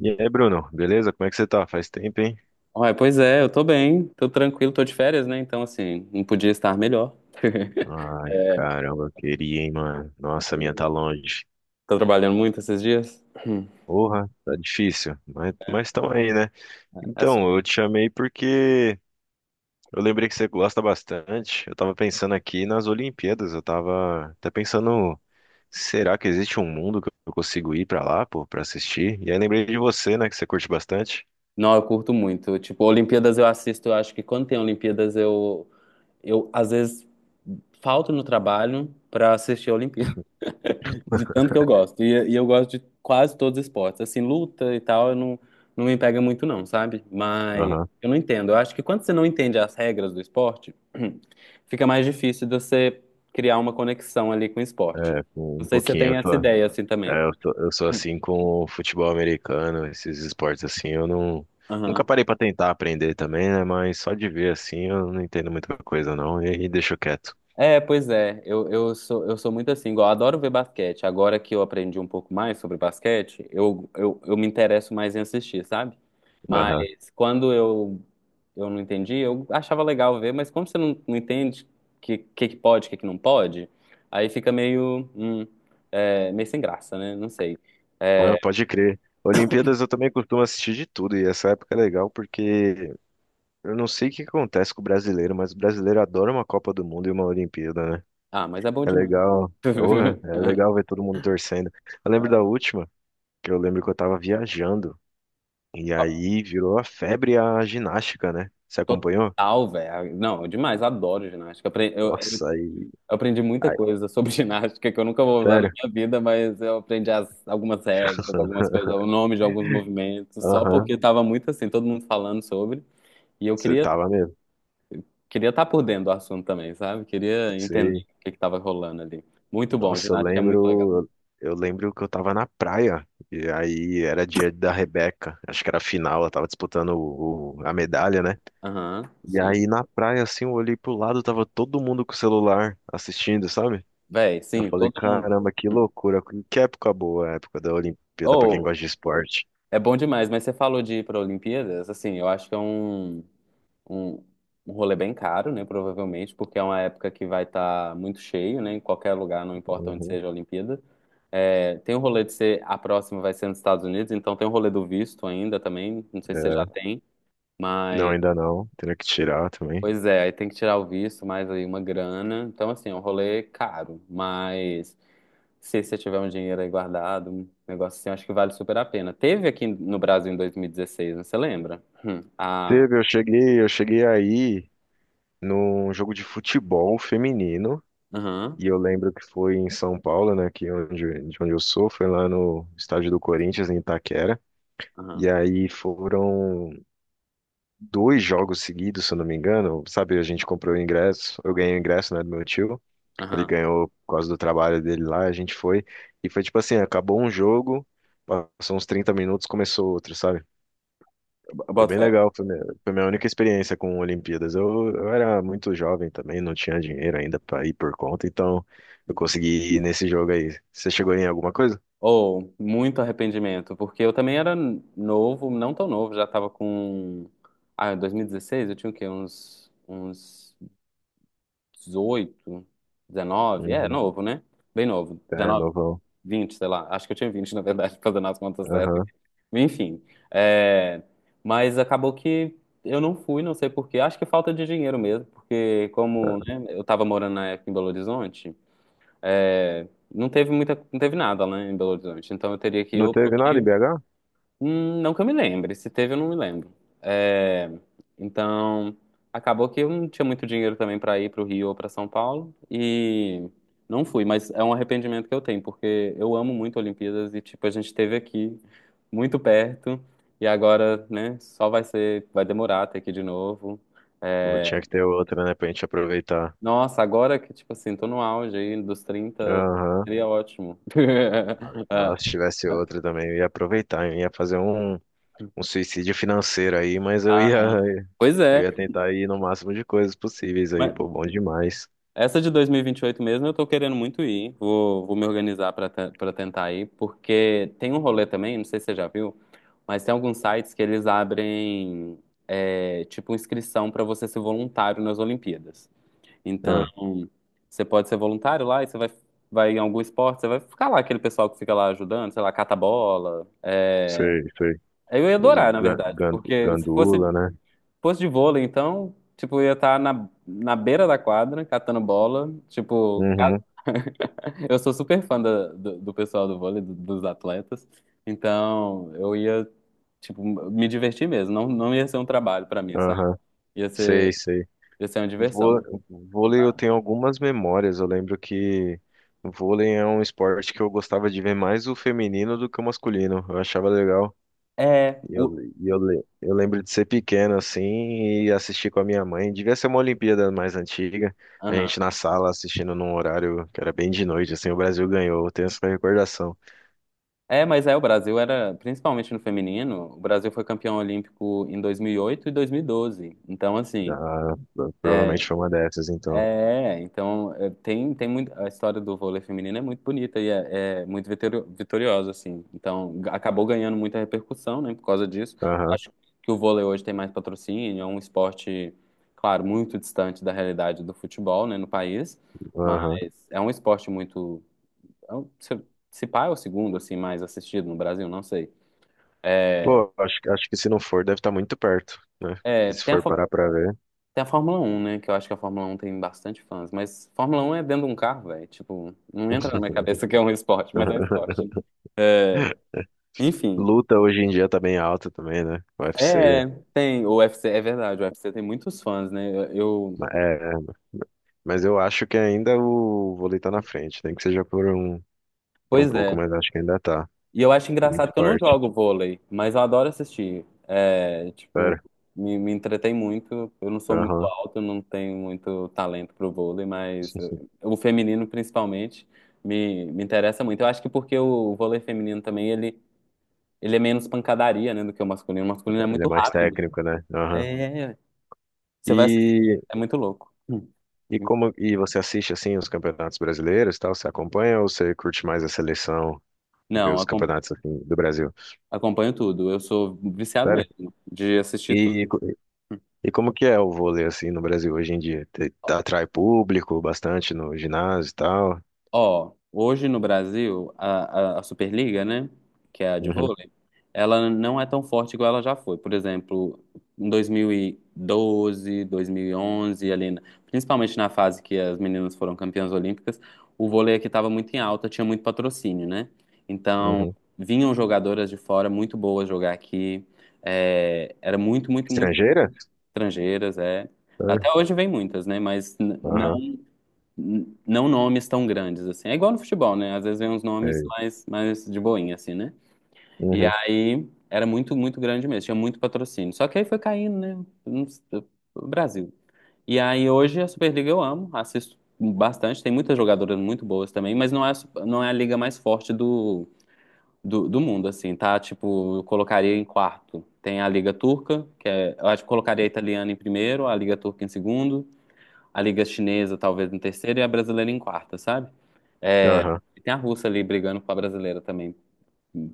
E aí, Bruno, beleza? Como é que você tá? Faz tempo, hein? Ué, pois é, eu tô bem, tô tranquilo, tô de férias, né? Então, assim, não podia estar melhor. Ai, caramba, eu queria, hein, mano. Nossa, a minha tá longe. Tô trabalhando muito esses dias? Hum. Porra, tá difícil, mas estão aí, né? É Então, sobre. eu te chamei porque eu lembrei que você gosta bastante. Eu tava pensando aqui nas Olimpíadas, eu tava até pensando, será que existe um mundo que eu consigo ir pra lá, pô, pra assistir? E aí lembrei de você, né, que você curte bastante. Não, eu curto muito. Tipo, Olimpíadas eu assisto, eu acho que quando tem Olimpíadas eu às vezes falto no trabalho pra assistir a Olimpíada, de tanto que eu gosto. E eu gosto de quase todos os esportes. Assim, luta e tal, eu não, não me pega muito não, sabe? Mas Aham, eu não entendo. Eu acho que quando você não entende as regras do esporte, fica mais difícil de você criar uma conexão ali com o esporte. Não um sei se você pouquinho. tem essa ideia assim também. É, eu sou assim com o futebol americano, esses esportes assim, eu não nunca Aham. parei pra tentar aprender também, né? Mas só de ver assim, eu não entendo muita coisa não e deixo quieto. É, pois é. Eu sou muito assim, igual, eu adoro ver basquete. Agora que eu aprendi um pouco mais sobre basquete, eu me interesso mais em assistir, sabe? Aham. Mas quando eu não entendi, eu achava legal ver, mas como você não entende que pode, o que, que não pode, aí fica meio, meio sem graça, né? Não sei. Ah, É, pode crer. Olimpíadas eu também costumo assistir de tudo e essa época é legal porque eu não sei o que acontece com o brasileiro, mas o brasileiro adora uma Copa do Mundo e uma Olimpíada, né? ah, mas é bom É demais. legal. Porra, é legal ver todo mundo torcendo. Eu lembro da última, que eu lembro que eu tava viajando. E Ó, aí virou a febre a ginástica, né? Você acompanhou? total, velho. Não, demais, adoro ginástica. Eu Nossa, aí, aprendi muita aí, coisa sobre ginástica que eu nunca vou usar na sério? minha vida, mas eu aprendi algumas regras, algumas coisas, o nome de alguns movimentos, só Aham, porque tava muito assim, todo mundo falando sobre. E eu você tava mesmo. queria estar por dentro do assunto também, sabe? Queria entender Sei. o que que tava rolando ali. Muito bom, Nossa, eu ginástica é muito legal. lembro, eu lembro que eu tava na praia e aí era dia da Rebeca, acho que era a final, ela tava disputando a medalha, né? Aham, E sim. aí na praia assim, eu olhei pro lado, tava todo mundo com o celular assistindo, sabe? Véi, Eu sim, falei, todo mundo. caramba, que loucura, que época boa, a época da Olimpíada pra quem Ou, gosta de esporte. é bom demais, mas você falou de ir para Olimpíadas, assim, eu acho que é um, um rolê bem caro, né? Provavelmente, porque é uma época que vai estar muito cheio, né? Em qualquer lugar, não importa onde Uhum. seja a Olimpíada. É, tem o rolê de ser, a próxima vai ser nos Estados Unidos, então tem o rolê do visto ainda também. Não sei se você já É. tem, Não, mas ainda não. Teria que tirar também. pois é, aí tem que tirar o visto, mais aí uma grana. Então, assim, é um rolê caro, mas se você tiver um dinheiro aí guardado, um negócio assim, eu acho que vale super a pena. Teve aqui no Brasil em 2016, né? Você lembra? A. Teve, eu cheguei aí num jogo de futebol feminino. Aham, E eu lembro que foi em São Paulo, né? Aqui onde, de onde eu sou, foi lá no estádio do Corinthians, em Itaquera. E aham, aí foram dois jogos seguidos, se eu não me engano. Sabe, a gente comprou o ingresso, eu ganhei o ingresso, né, do meu tio. Ele aham. ganhou por causa do trabalho dele lá, a gente foi. E foi tipo assim, acabou um jogo, passou uns 30 minutos, começou outro, sabe? Foi bem Bota. legal, foi minha única experiência com Olimpíadas. Eu era muito jovem também, não tinha dinheiro ainda para ir por conta, então eu consegui ir nesse jogo aí. Você chegou em alguma coisa? Ou muito arrependimento, porque eu também era novo, não tão novo, já tava com. Ah, 2016 eu tinha o quê? Uns 18 19, é, Uhum. novo, né? Bem novo. É, 19 novão. 20 sei lá. Acho que eu tinha 20 na verdade, fazendo as contas certas Aham. aqui. Enfim. é, Mas acabou que eu não fui, não sei por quê. Acho que falta de dinheiro mesmo, porque como, né, eu tava morando na época em Belo Horizonte, é, não teve muita, não teve nada lá em Belo Horizonte. Então eu teria que ir Não ou pro teve nada em Rio. BH? Não que eu me lembre. Se teve, eu não me lembro. É, então, acabou que eu não tinha muito dinheiro também para ir para o Rio ou para São Paulo e não fui, mas é um arrependimento que eu tenho, porque eu amo muito Olimpíadas e, tipo, a gente esteve aqui muito perto e agora, né, só vai ser, vai demorar até aqui de novo. Pô, tinha É, que ter outra, né, pra gente aproveitar. nossa, agora que, tipo assim, tô no auge aí dos 30 Aham. seria ótimo. Nossa, se tivesse Ah, outra também, eu ia aproveitar, eu ia fazer um, um suicídio financeiro aí, mas eu ia, ah, pois eu ia é. tentar ir no máximo de coisas possíveis aí, Mas, pô, bom demais. essa de dois mil e vinte e oito mesmo, eu tô querendo muito ir. Vou me organizar pra tentar ir, porque tem um rolê também, não sei se você já viu, mas tem alguns sites que eles abrem, tipo inscrição pra você ser voluntário nas Olimpíadas. Então, Ah, você pode ser voluntário lá e você vai em algum esporte, você vai ficar lá, aquele pessoal que fica lá ajudando, sei lá, cata bola. sei, sei. Eu ia Os adorar, na verdade, porque se Gandula, né? fosse de vôlei, então, tipo, eu ia estar na beira da quadra, catando bola, tipo. Uhum, Eu sou super fã do pessoal do vôlei, dos atletas. Então, eu ia, tipo, me divertir mesmo. Não, não ia ser um trabalho pra mim, sabe? aham. Ia Sei, ser, sei. Ia ser uma Vô- diversão. Vôlei eu tenho algumas memórias. Eu lembro que vôlei é um esporte que eu gostava de ver mais o feminino do que o masculino. Eu achava legal. É, Eu lembro de ser pequeno assim e assistir com a minha mãe. Devia ser uma Olimpíada mais antiga. A aham. gente na sala assistindo num horário que era bem de noite, assim, o Brasil ganhou. Eu tenho essa recordação. É, mas é, o Brasil era, principalmente no feminino, o Brasil foi campeão olímpico em 2008 e 2012. Então, assim, Ah, provavelmente foi uma dessas, então. é, então é, tem muito, a história do vôlei feminino é muito bonita e é muito vitoriosa, assim. Então acabou ganhando muita repercussão, né, por causa disso. Aham, Acho que o vôlei hoje tem mais patrocínio, é um esporte, claro, muito distante da realidade do futebol, né, no país, mas aham. é um esporte muito, é um- se, se pá é o segundo, assim, mais assistido no Brasil, não sei. É, Pô, acho que se não for, deve estar muito perto, né? Que é, se tem a, for fa- parar pra ver. Tem a Fórmula Um, né? Que eu acho que a Fórmula Um tem bastante fãs. Mas Fórmula Um é dentro de um carro, velho. Tipo, não entra na minha cabeça que é um esporte, mas é um esporte, né? É, enfim. Luta hoje em dia tá bem alta também, né? UFC. É, tem. O UFC, é verdade, o UFC tem muitos fãs, né? Ma- é, mas eu acho que ainda o vôlei tá na frente, nem que seja por um Pois pouco, é. mas acho que ainda tá. E eu acho Muito engraçado que eu não forte. jogo vôlei, mas eu adoro assistir. É, tipo, Pera. Me entretei muito. Eu não sou muito Aham. alto, não tenho muito talento pro vôlei, o feminino, principalmente, me interessa muito. Eu acho que porque o vôlei feminino também, ele é menos pancadaria, né, do que o masculino. O masculino é Ele é muito mais rápido. técnico, né? Aham. É, você vai assistir, E, é muito louco. Hum. e como e você assiste assim os campeonatos brasileiros, e tal? Você acompanha ou você curte mais a seleção e vê Não, os acom- campeonatos assim, do Brasil? Acompanho tudo. Eu sou viciado Sério? mesmo de assistir. E E como que é o vôlei assim no Brasil hoje em dia? Te- Atrai público bastante no ginásio e tal? Ó, hoje no Brasil, a Superliga, né, que é a de Uhum, vôlei, ela não é tão forte igual ela já foi. Por exemplo, em 2012, 2011, ali, principalmente na fase que as meninas foram campeãs olímpicas, o vôlei aqui estava muito em alta, tinha muito patrocínio, né? Então, uhum. vinham jogadoras de fora muito boas jogar aqui. É, era muito, muito, muito Estrangeira? estrangeiras, é. É, Até hoje vem muitas, né? Mas aham, não nomes tão grandes, assim. É igual no futebol, né? Às vezes vem uns nomes sei. mais, mais de boinha, assim, né? E Uhum, aí era muito, muito grande mesmo, tinha muito patrocínio. Só que aí foi caindo, né? Não s- O Brasil. E aí hoje a Superliga eu amo, assisto bastante, tem muitas jogadoras muito boas também, mas não é, não é a liga mais forte do mundo, assim, tá? Tipo, eu colocaria em quarto. Tem a Liga Turca, que é, eu acho que colocaria a italiana em primeiro, a Liga Turca em segundo, a Liga Chinesa talvez em terceiro e a brasileira em quarta, sabe? aham. E tem a russa ali brigando com a brasileira também,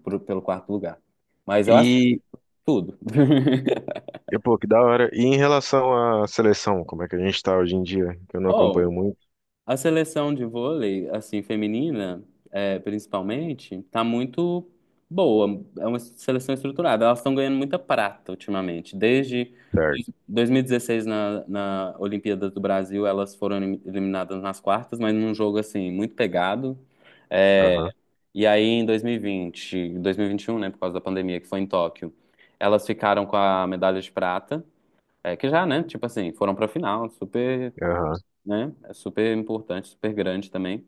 pelo quarto lugar. Mas eu aceito E, tudo. Pô, que da hora. E em relação à seleção, como é que a gente tá hoje em dia? Que eu não acompanho Oh, muito. a seleção de vôlei, assim, feminina, é, principalmente, tá muito boa. É uma seleção estruturada. Elas estão ganhando muita prata ultimamente. Desde Certo. 2016, na Olimpíada do Brasil, elas foram eliminadas nas quartas, mas num jogo, assim, muito pegado. É, Aham, e aí, em 2020, 2021, né, por causa da pandemia, que foi em Tóquio, elas ficaram com a medalha de prata, é, que já, né, tipo assim, foram pra final, super, aham, né, é super importante, super grande também.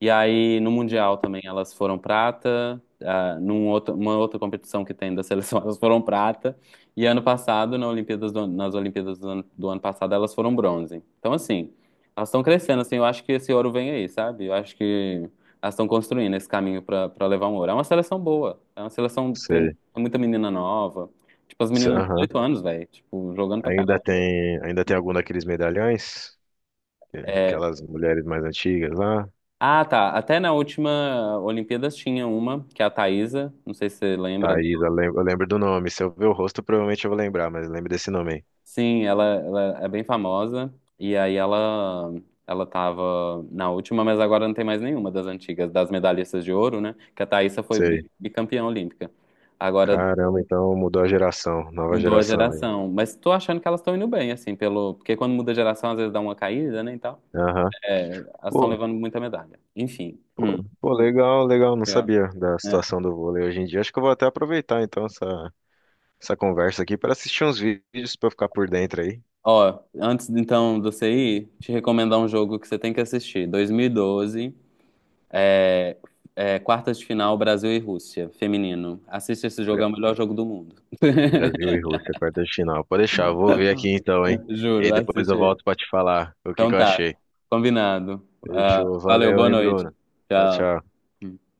E aí, no Mundial também, elas foram prata. Ah, num outro, uma outra competição que tem da seleção, elas foram prata. E ano passado, nas Olimpíadas do ano, do ano passado, elas foram bronze. Então, assim, elas estão crescendo, assim, eu acho que esse ouro vem aí, sabe? Eu acho que elas estão construindo esse caminho para levar um ouro. É uma seleção boa. É uma seleção, tem sei. muita menina nova. Tipo, as meninas de Aham. 18 anos, velho. Tipo, jogando pra caralho. Ainda tem algum daqueles medalhões? É, É, aquelas mulheres mais antigas lá? ah, tá. Até na última Olimpíadas tinha uma, que é a Thaísa. Não sei se você lembra. Thaís, eu lembro do nome. Se eu ver o rosto, provavelmente eu vou lembrar, mas eu lembro desse nome Sim, ela é bem famosa. E aí ela tava na última, mas agora não tem mais nenhuma das antigas, das medalhistas de ouro, né? Que a Thaísa foi aí. Bicampeã olímpica. Agora Caramba, então mudou a geração, nova mudou a geração aí. geração. Mas tô achando que elas estão indo bem, assim, pelo. Porque quando muda a geração, às vezes dá uma caída, né? E tal. Aham. É, elas estão Pô, levando muita medalha. Enfim. Pô, legal, legal. Não Legal. sabia da É. situação do vôlei hoje em dia. Acho que eu vou até aproveitar então essa conversa aqui para assistir uns vídeos para ficar por dentro aí. Ó, antes então de você ir, te recomendar um jogo que você tem que assistir. 2012. É, é, quartas de final, Brasil e Rússia, feminino. Assiste esse jogo, é Bra- o melhor jogo do mundo. Brasil e Rússia, quarta de final. Pode deixar, eu vou ver aqui então, hein? E aí Juro, depois assiste eu aí. volto para te falar o que Então que eu tá, achei. combinado. Ah, Fechou, valeu, valeu, boa hein, noite. Bruno. Tchau, tchau. Tchau.